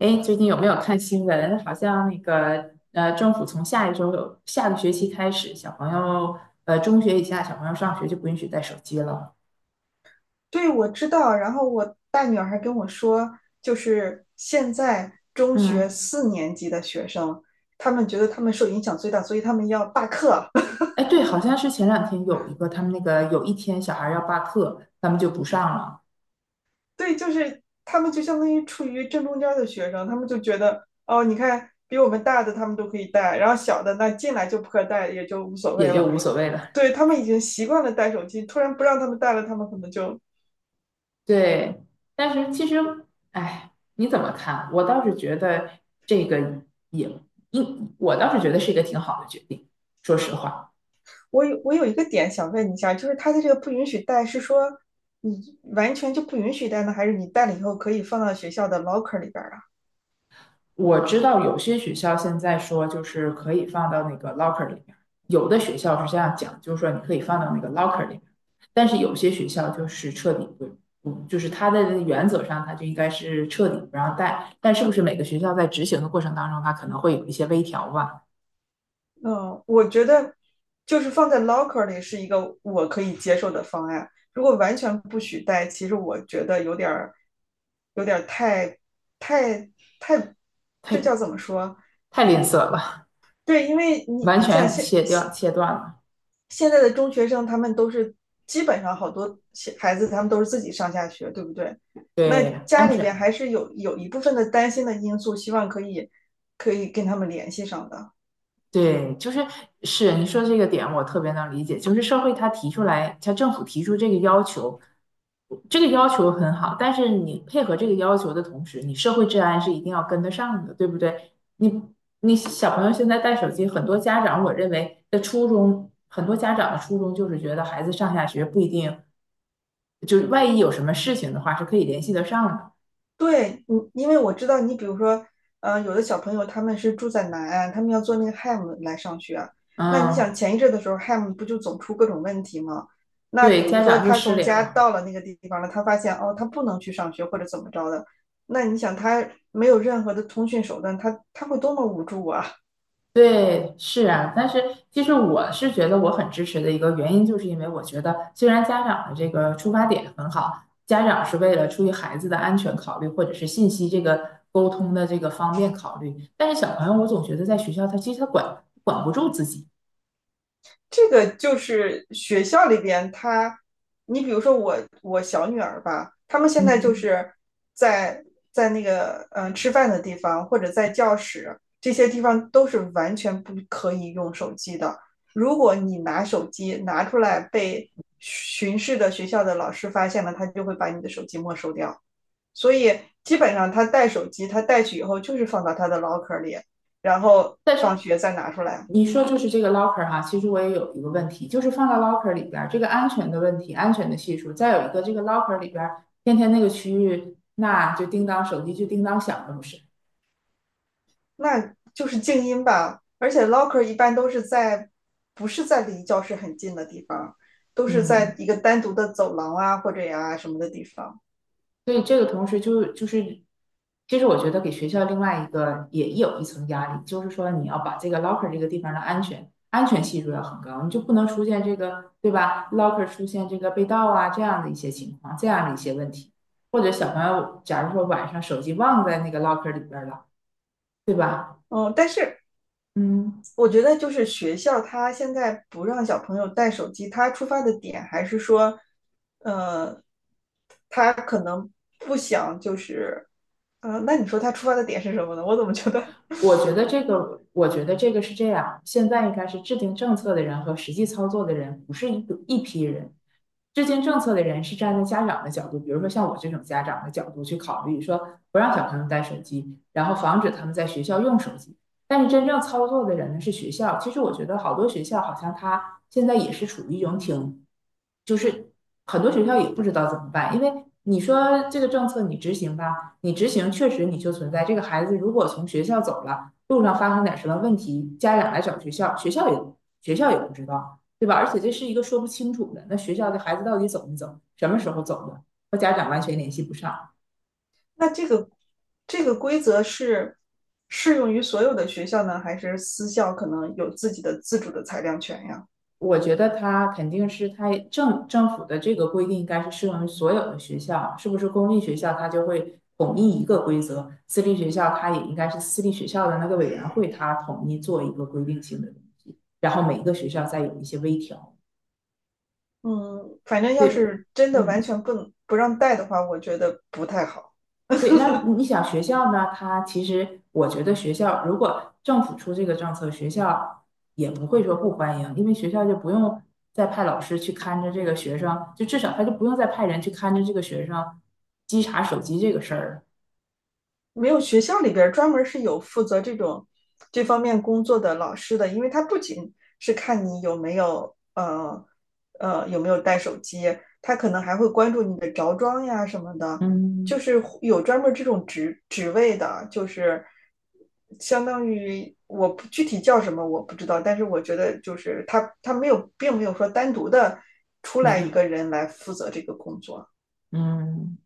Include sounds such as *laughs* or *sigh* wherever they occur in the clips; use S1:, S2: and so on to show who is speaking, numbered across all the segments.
S1: 哎，最近有没有看新闻？好像政府从下一周有下个学期开始，小朋友呃，中学以下小朋友上学就不允许带手机了。
S2: 对，我知道。然后我大女儿还跟我说，就是现在中学
S1: 嗯，
S2: 四年级的学生，他们觉得他们受影响最大，所以他们要罢课。
S1: 哎，对，好像是前两天有一个他们有一天小孩要罢课，他们就不上了，
S2: *laughs* 对，就是他们就相当于处于正中间的学生，他们就觉得哦，你看比我们大的他们都可以带，然后小的那进来就不可带，也就无所
S1: 也
S2: 谓
S1: 就
S2: 了。
S1: 无所谓了。
S2: 对，他们已经习惯了带手机，突然不让他们带了，他们可能就
S1: 对，但是其实，哎，你怎么看？我倒是觉得这个也应，我倒是觉得是一个挺好的决定，说实话。
S2: 我有一个点想问一下，就是他的这个不允许带，是说你完全就不允许带呢，还是你带了以后可以放到学校的 locker 里边啊？
S1: 我知道有些学校现在说就是可以放到那个 locker 里面，有的学校是这样讲，就是说你可以放到那个 locker 里面，但是有些学校就是彻底不，嗯，就是它的原则上它就应该是彻底不让带，但是不是每个学校在执行的过程当中，它可能会有一些微调吧？
S2: 嗯，我觉得就是放在 locker 里是一个我可以接受的方案。如果完全不许带，其实我觉得有点儿有点儿太太太，这叫
S1: 太
S2: 怎么说？
S1: 太吝啬了，
S2: 对，因为你
S1: 完
S2: 你想
S1: 全
S2: 现
S1: 切断了，
S2: 现在的中学生他们都是基本上好多孩子他们都是自己上下学，对不对？那
S1: 对
S2: 家
S1: 安
S2: 里边
S1: 全
S2: 还是有一部分的担心的因素，希望可以跟他们联系上的。
S1: 对，你说这个点，我特别能理解。就是社会它提出来，它政府提出这个要求，这个要求很好，但是你配合这个要求的同时，你社会治安是一定要跟得上的，对不对？你小朋友现在带手机，很多家长的初衷就是觉得孩子上下学不一定，就是万一有什么事情的话是可以联系得上的。
S2: 对，你，因为我知道你，比如说，有的小朋友他们是住在南岸，他们要坐那个 HAM 来上学啊。那你想
S1: 嗯，
S2: 前一阵的时候，HAM 不就总出各种问题吗？那比
S1: 对，
S2: 如
S1: 家
S2: 说
S1: 长就
S2: 他
S1: 失
S2: 从
S1: 联
S2: 家
S1: 了。
S2: 到了那个地方了，他发现哦，他不能去上学或者怎么着的，那你想他没有任何的通讯手段，他会多么无助啊！
S1: 对，是啊，但是其实我是觉得我很支持的一个原因，就是因为我觉得虽然家长的这个出发点很好，家长是为了出于孩子的安全考虑，或者是信息这个沟通的这个方便考虑，但是小朋友我总觉得在学校他其实管不住自己，
S2: 这个就是学校里边他，你比如说我小女儿吧，他们现在就
S1: 嗯，
S2: 是在在那个吃饭的地方或者在教室这些地方都是完全不可以用手机的。如果你拿手机拿出来被巡视的学校的老师发现了，他就会把你的手机没收掉。所以基本上他带手机，他带去以后就是放到他的 l 壳 c 里，然后
S1: 但是
S2: 放学再拿出来。
S1: 你说就是这个 locker 哈，其实我也有一个问题，就是放到 locker 里边儿这个安全的问题，安全的系数，再有一个这个 locker 里边儿天天那个区域，那就叮当手机就叮当响了，不是？
S2: 那就是静音吧。而且 locker 一般都是在，不是在离教室很近的地方，都是在
S1: 嗯。
S2: 一个单独的走廊啊或者呀、什么的地方。
S1: 所以这个同时就是，其实我觉得给学校另外一个也有一层压力，就是说你要把这个 locker 这个地方的安全系数要很高，你就不能出现这个对吧？locker 出现这个被盗啊这样的一些情况，这样的一些问题，或者小朋友假如说晚上手机忘在那个 locker 里边了，对吧？
S2: 嗯，但是
S1: 嗯，
S2: 我觉得就是学校他现在不让小朋友带手机，他出发的点还是说，呃，不想就是，嗯，那你说他出发的点是什么呢？我怎么觉得
S1: 我觉得这个是这样，现在应该是制定政策的人和实际操作的人不是一批人。制定政策的人是站在家长的角度，比如说像我这种家长的角度去考虑，说不让小朋友带手机，然后防止他们在学校用手机。但是真正操作的人呢是学校。其实我觉得好多学校好像他现在也是处于一种挺，就是很多学校也不知道怎么办，因为你说这个政策你执行吧，你执行确实你就存在这个孩子如果从学校走了，路上发生点什么问题，家长来找学校，学校也不知道。对吧？而且这是一个说不清楚的，那学校的孩子到底走没走，什么时候走的，和家长完全联系不上。
S2: 那这个这个规则是适用于所有的学校呢，还是私校可能有自己的自主的裁量权呀？
S1: 我觉得他肯定是他政府的这个规定应该是适用于所有的学校，是不是公立学校他就会统一一个规则，私立学校他也应该是私立学校的那个委员会他统一做一个规定性的东西，然后每一个学校再有一些微调。
S2: 嗯，反正要
S1: 对，
S2: 是真的完
S1: 嗯。
S2: 全不不让带的话，我觉得不太好。
S1: 对，那
S2: *laughs*
S1: 你想学校呢？他其实我觉得学校如果政府出这个政策，学校也不会说不欢迎，因为学校就不用再派老师去看着这个学生，就至少他就不用再派人去看着这个学生稽查手机这个事儿了。
S2: 没有学校里边专门是有负责这种这方面工作的老师的，因为他不仅是看你有没有有没有带手机，他可能还会关注你的着装呀什么的，
S1: 嗯，
S2: 就是有专门这种职职位的，就是相当于我不具体叫什么我不知道，但是我觉得就是他没有并没有说单独的出
S1: 你
S2: 来一
S1: 个，
S2: 个人来负责这个工作，
S1: 嗯。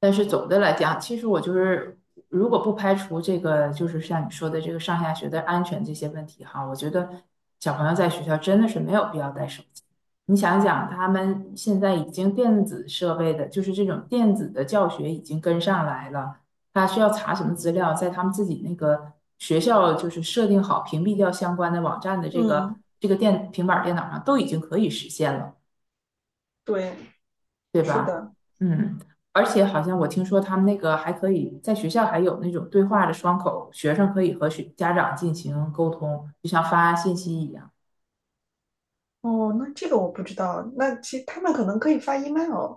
S1: 但是总的来讲，其实我就是，如果不排除这个，就是像你说的这个上下学的安全这些问题哈，我觉得小朋友在学校真的是没有必要带手机。你想想，他们现在已经电子设备的，就是这种电子的教学已经跟上来了，他需要查什么资料，在他们自己那个学校就是设定好屏蔽掉相关的网站的
S2: 嗯，
S1: 这个电平板电脑上都已经可以实现了。
S2: 对，
S1: 对
S2: 是
S1: 吧？
S2: 的。
S1: 嗯，而且好像我听说他们那个还可以在学校还有那种对话的窗口，学生可以和学家长进行沟通，就像发信息一样。
S2: 哦，那这个我不知道。那其实他们可能可以发 email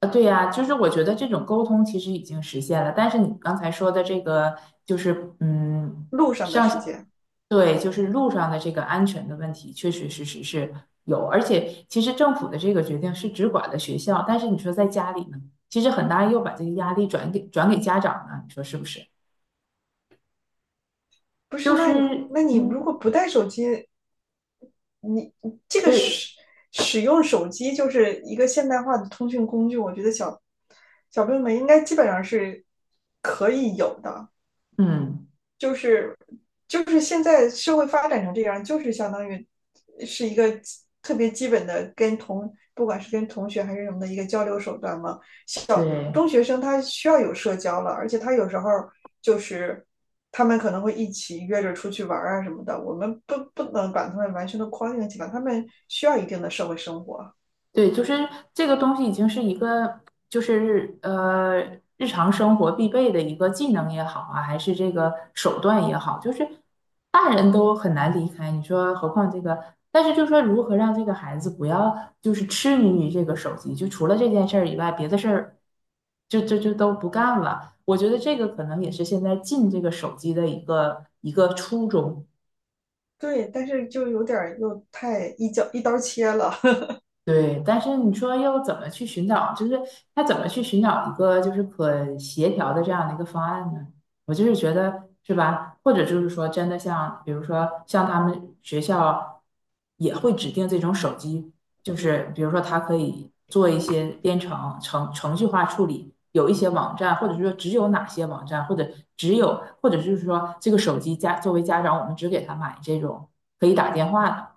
S1: 啊，对呀，就是我觉得这种沟通其实已经实现了，但是你刚才说的这个就是嗯，
S2: 路上的时
S1: 上，
S2: 间，
S1: 对，就是路上的这个安全的问题，确确实实是有，而且其实政府的这个决定是只管的学校，但是你说在家里呢，其实很大又把这个压力转给家长了，你说是不是？
S2: 不是？
S1: 就是
S2: 那你如
S1: 嗯，
S2: 果不带手机，你这个
S1: 对，
S2: 使用手机就是一个现代化的通讯工具，我觉得小朋友们应该基本上是可以有的。
S1: 嗯，
S2: 就是就是现在社会发展成这样，就是相当于是一个特别基本的跟同不管是跟同学还是什么的一个交流手段嘛。小
S1: 对，
S2: 中学生他需要有社交了，而且他有时候就是他们可能会一起约着出去玩啊什么的，我们不能把他们完全的框定起来，他们需要一定的社会生活。
S1: 对，就是这个东西已经是一个，就是呃，日常生活必备的一个技能也好啊，还是这个手段也好，就是大人都很难离开，你说何况这个，但是就说如何让这个孩子不要就是痴迷于这个手机，就除了这件事儿以外，别的事儿就就就都不干了。我觉得这个可能也是现在禁这个手机的一个初衷。
S2: 对，但是就有点又太一脚一刀切了。
S1: 对，但是你说要怎么去寻找，就是他怎么去寻找一个就是可协调的这样的一个方案呢？我就是觉得是吧？或者就是说真的像，比如说像他们学校也会指定这种手机，就是比如说它可以做一些编程序化处理，有一些网站，或者是说只有哪些网站，或者就是说这个手机家作为家长，我们只给他买可以打电话的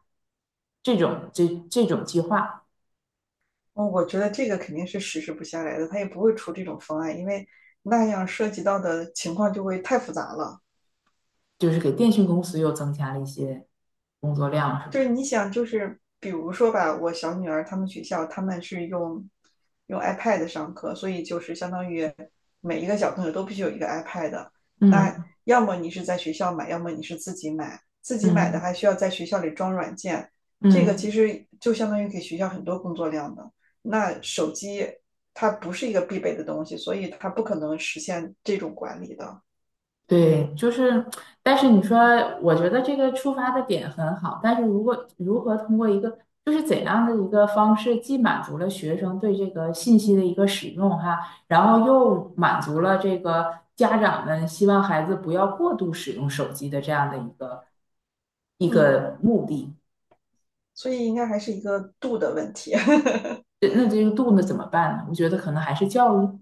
S1: 这种计划。
S2: 嗯，我觉得这个肯定是实施不下来的，他也不会出这种方案，因为那样涉及到的情况就会太复杂了。
S1: 就是给电信公司又增加了一些工作量，是
S2: 就是
S1: 吧？
S2: 你想，就是比如说吧，我小女儿她们学校他们是用 iPad 上课，所以就是相当于每一个小朋友都必须有一个 iPad。那
S1: 嗯
S2: 要么你是在学校买，要么你是自己买，自己买的
S1: 嗯
S2: 还需要在学校里装软件，这个其
S1: 嗯，
S2: 实就相当于给学校很多工作量的。那手机它不是一个必备的东西，所以它不可能实现这种管理的。
S1: 对，就是，但是你说，我觉得这个出发的点很好，但是如果如何通过一个，就是怎样的一个方式，既满足了学生对这个信息的一个使用哈，然后又满足了这个家长们希望孩子不要过度使用手机的这样的一
S2: 嗯，
S1: 个目的，
S2: 所以应该还是一个度的问题。*laughs*
S1: 这那这个度呢怎么办呢？我觉得可能还是教育。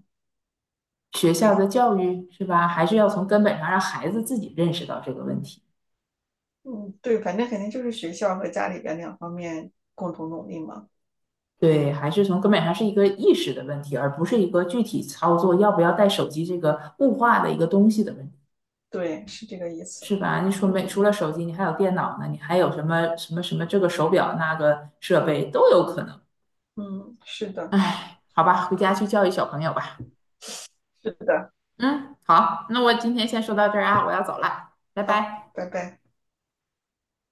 S1: 学校的教育是吧？还是要从根本上让孩子自己认识到这个问题。
S2: 嗯，对，反正肯定就是学校和家里边两方面共同努力嘛。
S1: 对，还是从根本上是一个意识的问题，而不是一个具体操作要不要带手机这个物化的一个东西的问题，
S2: 对，是这个意
S1: 是
S2: 思。
S1: 吧？你说没
S2: 嗯
S1: 除了手机，你还有电脑呢，你还有什么什么什么这个手表那个设备都有可能。
S2: 嗯，是的，
S1: 哎，好吧，回家去教育小朋友吧。
S2: 是的。
S1: 嗯，好，那我今天先说到这儿啊，我要走了，拜
S2: 好，
S1: 拜。
S2: 拜拜。